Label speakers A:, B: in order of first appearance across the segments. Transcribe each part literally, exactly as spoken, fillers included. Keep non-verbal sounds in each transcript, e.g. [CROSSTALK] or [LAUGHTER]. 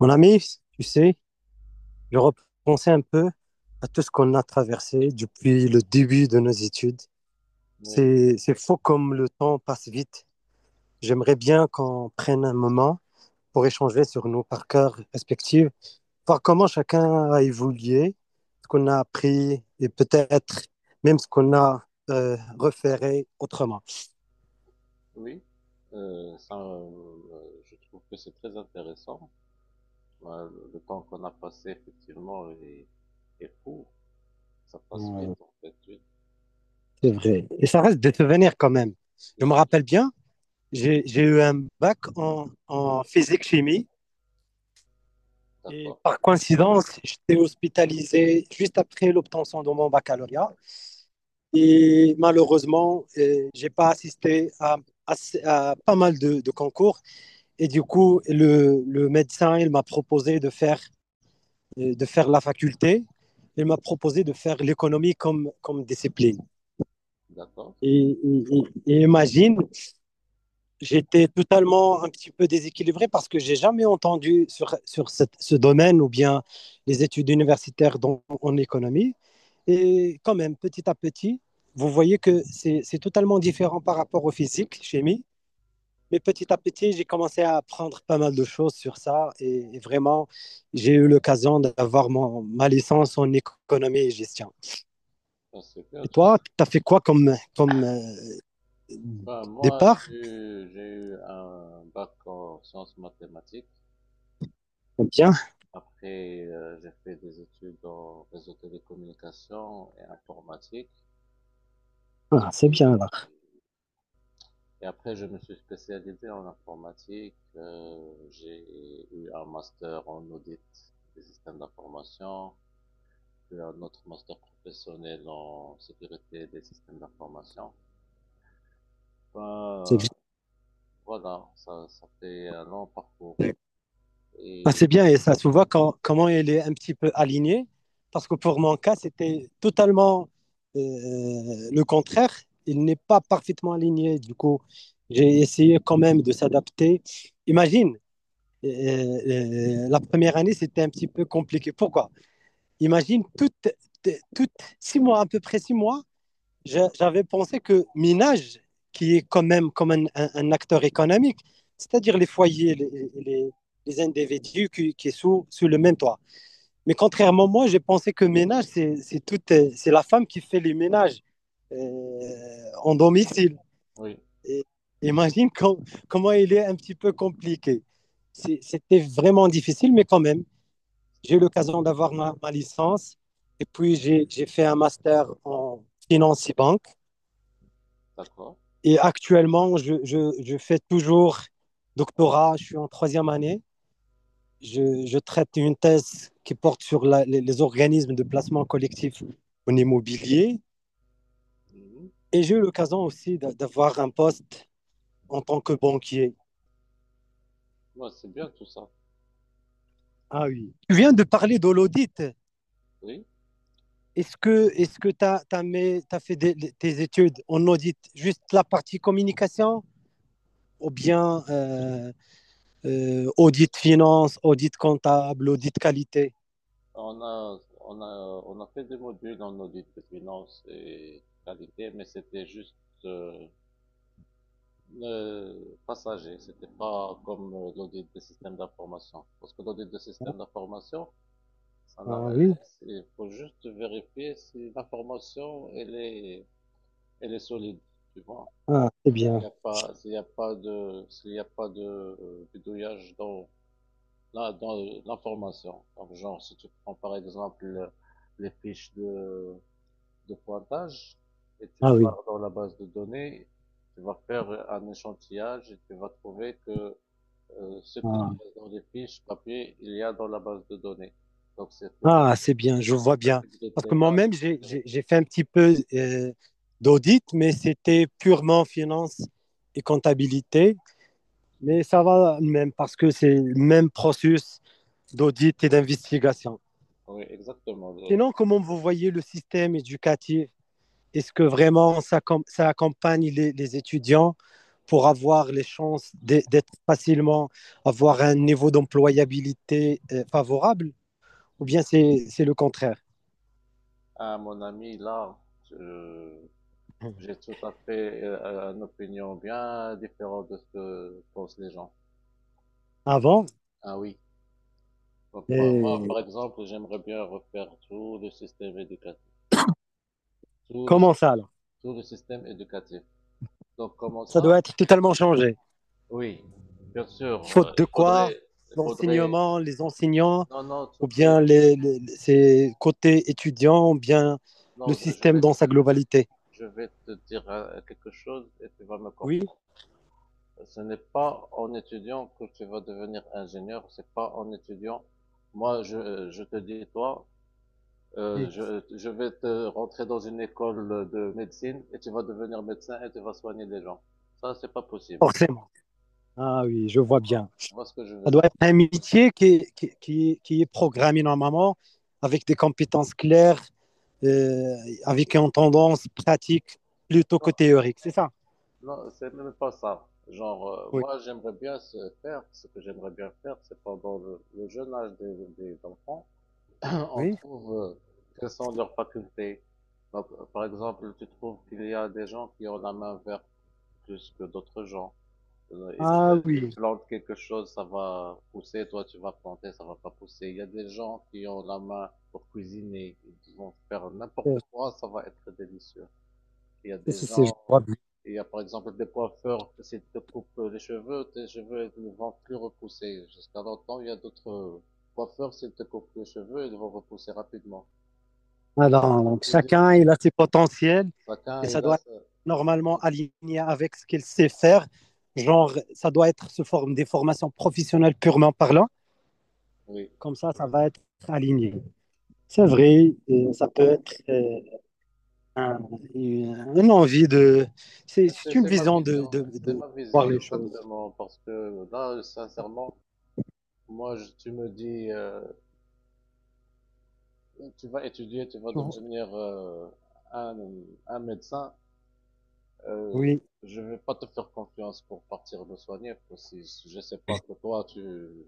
A: Mon ami, tu sais, je repensais un peu à tout ce qu'on a traversé depuis le début de nos études.
B: Oui,
A: C'est, c'est fou comme le temps passe vite. J'aimerais bien qu'on prenne un moment pour échanger sur nos parcours respectifs, voir comment chacun a évolué, ce qu'on a appris et peut-être même ce qu'on a euh, reféré autrement.
B: oui, euh, ça, euh, je trouve que c'est très intéressant. Euh, le le temps qu'on a passé, effectivement, est, est court. Ça passe
A: Ouais,
B: vite, en fait. Oui,
A: c'est vrai. Et ça reste des souvenirs quand même. Je
B: bien
A: me
B: sûr.
A: rappelle bien, j'ai, j'ai eu un bac en en physique-chimie. Et
B: D'accord,
A: par coïncidence, j'étais hospitalisé juste après l'obtention de mon baccalauréat. Et malheureusement, je j'ai pas assisté à, à- à pas mal de, de concours. Et du coup, le, le médecin, il m'a proposé de faire, euh, de faire la faculté. Il m'a proposé de faire l'économie comme, comme discipline.
B: d'accord.
A: Et, et- et- et imagine, j'étais totalement un petit peu déséquilibré parce que j'ai jamais entendu sur, sur cette- ce domaine ou bien les études universitaires dans- en économie. Et quand même, petit à petit, vous voyez que c'est c'est totalement différent par rapport au physique, chimie. Mais petit à petit, j'ai commencé à apprendre pas mal de choses sur ça. Et, et vraiment, j'ai eu l'occasion d'avoir mon- ma licence en économie et gestion.
B: Ah, c'est bien
A: Et
B: tout ça.
A: toi, tu as fait quoi comme, comme euh,
B: Ben, moi,
A: départ?
B: j'ai eu, j'ai eu un bac en sciences mathématiques.
A: Bien.
B: Après, euh, j'ai fait des études en réseau télécommunications et informatique.
A: Ah, c'est
B: Et
A: bien là.
B: Et après, je me suis spécialisé en informatique. Euh, j'ai eu un master en audit des systèmes d'information, puis un autre master professionnel en sécurité des systèmes d'information.
A: C'est bien.
B: Ben, voilà, ça, ça fait un long parcours.
A: Ah,
B: Et
A: c'est bien et ça se voit quand- comment il est un petit peu aligné. Parce que pour mon cas, c'était totalement euh, le contraire. Il n'est pas parfaitement aligné. Du coup, j'ai essayé quand même de s'adapter. Imagine, euh, euh, la première année, c'était un petit peu compliqué. Pourquoi? Imagine, toutes, toutes six mois, à peu près six mois, j'a- j'avais pensé que Minage, qui est quand même comme un, un- un acteur économique, c'est-à-dire les foyers, les, les- les individus qui, qui sont sous, sous le même toit. Mais contrairement à moi, j'ai pensé que ménage, c'est c'est tout, euh, c'est la femme qui fait les ménages euh, en domicile.
B: oui,
A: Et imagine [LAUGHS] com- comment il est un petit peu compliqué. C'est- C'était vraiment difficile, mais quand même, j'ai eu l'occasion d'avoir ma, ma licence. Et puis, j'ai j'ai fait un master en finance et banque.
B: d'accord.
A: Et actuellement, je, je, je fais toujours doctorat, je suis en troisième année. Je, je traite une thèse qui porte sur la- les, les organismes de placement collectif en immobilier.
B: Mhm.
A: Et j'ai eu l'occasion aussi d'avoir un poste en tant que banquier.
B: Ouais, c'est bien tout ça.
A: Ah oui. Tu viens de parler de l'audit.
B: Oui,
A: Est-ce que est-ce que tu as, fait des- tes études en audit, juste la partie communication ou bien euh, euh, audit finance, audit comptable, audit qualité.
B: on a, on a, on a fait des modules en audit de finance et qualité, mais c'était juste euh, Euh, passager, c'était pas comme euh, l'audit des systèmes d'information. Parce que l'audit des systèmes d'information, ça n'a-
A: Ah oui,
B: euh, c'est- faut juste vérifier si l'information elle est, elle est solide, tu vois.
A: ah, c'est
B: Il y
A: bien.
B: a pas, s'il y a pas de, s'il y a pas de euh, bidouillage dans là dans l'information. Donc genre si tu prends par exemple les fiches de de pointage et tu
A: Ah oui,
B: pars dans la base de données, tu vas faire un échantillage et tu vas trouver que euh, ce qu'il y
A: ah,
B: a dans les fiches papier, il y a dans la base de données. Donc c'est plutôt
A: Ah, c'est bien, je vois bien. Parce que
B: intégrité là
A: moi-même,
B: que
A: j'ai j'ai-
B: vérité.
A: j'ai fait un petit peu euh, d'audit, mais c'était purement finance et comptabilité. Mais ça va même parce que c'est le même processus d'audit et d'investigation.
B: Oui, exactement.
A: Sinon, comment vous voyez le système éducatif? Est-ce que vraiment ça, ça accompagne les, les, étudiants pour avoir les chances d'être facilement, avoir un niveau d'employabilité euh, favorable? Ou bien c'est c'est le contraire?
B: À mon ami là, je- j'ai tout à fait euh, une opinion bien différente de ce que pensent les gens.
A: Avant,
B: Ah oui. Donc moi, moi,
A: et
B: par exemple, j'aimerais bien refaire tout le système éducatif, tout le,
A: comment ça alors?
B: tout le système éducatif. Donc comment
A: Ça
B: ça?
A: doit être totalement changé.
B: Oui, bien sûr. euh,
A: Faute de
B: il
A: quoi?
B: faudrait, il faudrait.
A: L'enseignement, les enseignants
B: Non, non,
A: ou
B: tout est.
A: bien les, les- ses côtés étudiants, ou bien le
B: Non, je, je
A: système
B: vais
A: dans sa globalité.
B: je vais te dire euh, quelque chose et tu vas me
A: Oui,
B: comprendre. Ce n'est pas en étudiant que tu vas devenir ingénieur, c'est pas en étudiant. Moi, je, je te dis, toi, euh,
A: oui,
B: je, je vais te rentrer dans une école de médecine et tu vas devenir médecin et tu vas soigner les gens. Ça, c'est pas possible.
A: forcément. Ah oui, je vois bien.
B: Tu vois ce que je veux
A: Ça doit
B: dire?
A: être un métier qui, qui, qui- qui est programmé normalement, avec des compétences claires, euh, avec une tendance pratique plutôt que
B: Non,
A: théorique, c'est ça?
B: non, c'est même pas ça. Genre, euh,
A: Oui.
B: moi, j'aimerais bien se faire, ce que j'aimerais bien faire, c'est pendant le, le jeune âge des, des enfants, [LAUGHS] on
A: Oui.
B: trouve euh, quelles sont leurs facultés. Par par exemple, tu trouves qu'il y a des gens qui ont la main verte plus que d'autres gens. Euh, Ils,
A: Ah
B: euh, ils
A: oui,
B: plantent quelque chose, ça va pousser, toi tu vas planter, ça va pas pousser. Il y a des gens qui ont la main pour cuisiner, ils vont faire n'importe
A: c'est,
B: quoi, ça va être délicieux. Il y a des
A: c'est, c'est- je
B: gens,
A: vois bien.
B: il y a par exemple des coiffeurs, s'ils te coupent les cheveux, tes cheveux ils ne vont plus repousser. Jusqu'à longtemps, il y a d'autres coiffeurs, s'ils te coupent les cheveux, ils vont repousser rapidement.
A: Alors, donc
B: Je dis,
A: chacun, il a ses potentiels
B: chacun
A: et
B: et
A: ça
B: là,
A: doit être
B: ça-
A: normalement
B: exactement.
A: aligné avec ce qu'il sait faire. Genre, ça doit être sous forme des formations professionnelles purement parlant.
B: Oui,
A: Comme ça, ça va être aligné. C'est vrai, euh, ça peut être euh, un- une une envie de... C'est
B: mais c'est
A: c'est une
B: c'est ma
A: vision de,
B: vision,
A: de,
B: c'est
A: de
B: ma
A: voir
B: vision
A: les choses.
B: exactement, parce que là, sincèrement, moi, je- tu me dis, euh, tu vas étudier, tu vas
A: Tu vois.
B: devenir euh, un, un médecin, euh,
A: Oui,
B: je vais pas te faire confiance pour partir me soigner, parce que si- je sais pas que toi, tu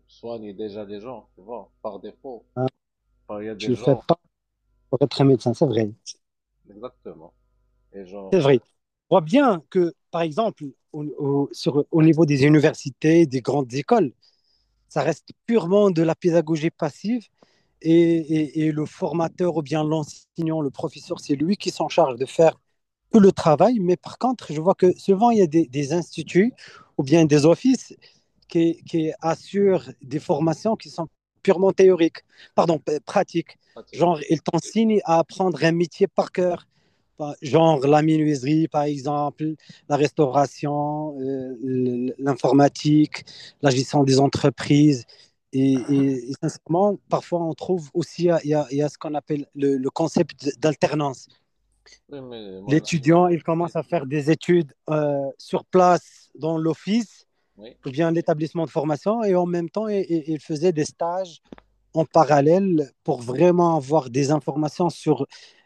B: soignes déjà les gens, tu vois, par défaut, enfin, il y a des
A: tu ne fais
B: gens,
A: pas pour être un médecin, c'est vrai.
B: exactement, et genre,
A: C'est
B: euh,
A: vrai. On voit bien que, par exemple, au, au- sur, au niveau des universités, des grandes écoles, ça reste purement de la pédagogie passive et, et, et le formateur ou bien l'enseignant, le professeur, c'est lui qui s'en charge de faire tout le travail. Mais par contre, je vois que souvent, il y a des, des instituts ou bien des offices qui, qui assurent des formations qui sont purement théoriques, pardon, pratiques.
B: pratique.
A: Genre, ils t'enseignent à apprendre un métier par cœur, genre la menuiserie, par exemple, la restauration, euh, l'informatique, la gestion des entreprises. Et, et, et, sincèrement, parfois, on trouve aussi, il y a, il y a ce qu'on appelle le, le concept d'alternance.
B: Oui, mais mon ami,
A: L'étudiant, il commence
B: c'est
A: à
B: ici.
A: faire des études euh, sur place dans l'office via un établissement de formation et en même temps, il, il faisait des stages en parallèle pour vraiment avoir des informations sur euh,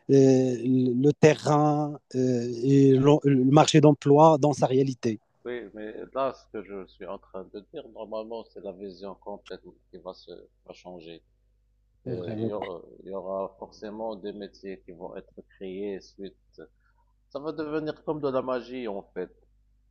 A: le terrain euh, et le, le marché d'emploi dans sa réalité.
B: Oui, mais là, ce que je suis en train de dire, normalement, c'est la vision complète qui va se, va changer.
A: C'est vrai,
B: Euh, Il
A: oui.
B: y aura, il y aura forcément des métiers qui vont être créés suite. Ça va devenir comme de la magie, en fait.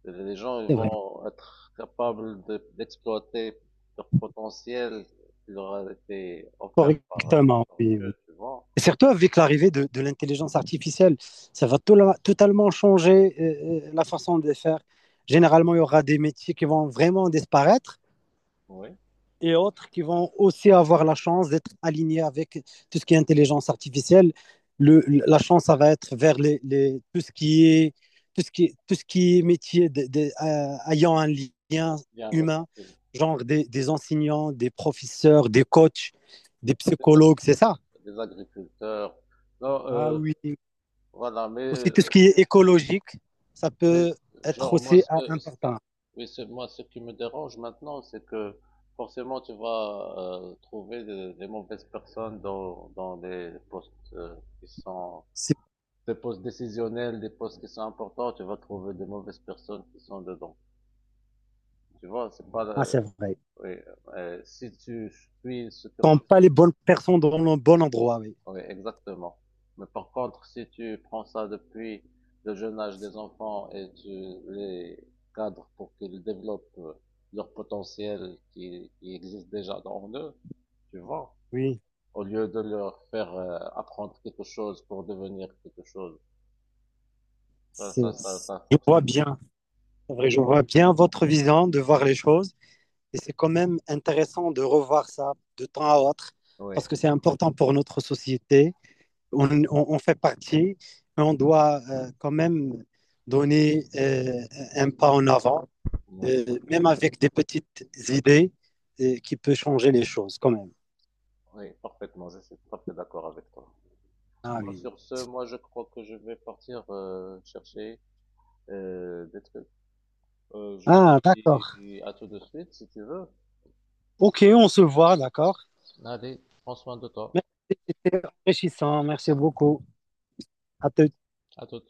B: Les gens, ils
A: C'est vrai.
B: vont être capables de- d'exploiter leur potentiel qui leur a été offert par, euh,
A: Correctement,
B: par
A: oui,
B: Dieu,
A: oui.
B: tu vois.
A: Et surtout avec l'arrivée de, de l'intelligence artificielle, ça va to- totalement changer euh, euh, la façon de faire. Généralement, il y aura des métiers qui vont vraiment disparaître
B: Oui.
A: et autres qui vont aussi avoir la chance d'être alignés avec tout ce qui est intelligence artificielle. Le, la chance, ça va être vers les, les, tout, ce qui est, tout, ce qui tout ce qui est métier de, de, euh, ayant un lien
B: Il y avait
A: humain,
B: des,
A: genre des, des, enseignants, des professeurs, des coachs, des
B: ag-
A: psychologues, c'est ça?
B: des agriculteurs. Non,
A: Ah
B: euh,
A: oui.
B: voilà, mais
A: Aussi tout ce
B: euh,
A: qui est écologique, ça
B: mais
A: peut être
B: genre moi
A: aussi
B: ce
A: euh,
B: que ce
A: important.
B: qui- oui, ce- moi ce qui me dérange maintenant c'est que forcément tu vas euh, trouver des, des mauvaises personnes dans dans des postes euh, qui sont
A: C'est
B: des postes décisionnels, des postes qui sont importants, tu vas trouver des mauvaises personnes qui sont dedans. Tu vois, c'est pas
A: ah,
B: la-
A: c'est vrai.
B: oui, euh, si tu suis ce
A: Quand
B: cursus
A: pas les bonnes personnes dans le bon endroit, oui.
B: oui, exactement. Mais par contre, si tu prends ça depuis le jeune âge des enfants et tu les cadres pour qu'ils développent euh, leur potentiel qui, qui existe déjà dans eux, tu vois,
A: Oui.
B: au lieu de leur faire euh, apprendre quelque chose pour devenir quelque chose, ça, ça,
A: C'est-
B: ça,
A: c'est-
B: ça
A: je vois
B: fonctionne pas.
A: bien, c'est vrai, je vois bien votre vision de voir les choses et c'est quand même intéressant de revoir ça de temps à autre
B: Oui,
A: parce que c'est important pour notre société. On, on- on fait partie, mais on doit euh, quand même donner euh, un pas en avant,
B: oui,
A: euh, même avec des petites idées euh, qui peuvent changer les choses quand même.
B: oui, parfaitement. Je suis tout à fait d'accord avec toi.
A: Ah
B: Bon,
A: oui.
B: sur ce, moi, je crois que je vais partir euh, chercher euh, des trucs. Euh, je te
A: Ah, d'accord.
B: dis à tout de suite si tu veux.
A: Ok, on se voit, d'accord.
B: Allez, prends soin de toi.
A: Merci, c'était enrichissant. Merci beaucoup. À te
B: À tout.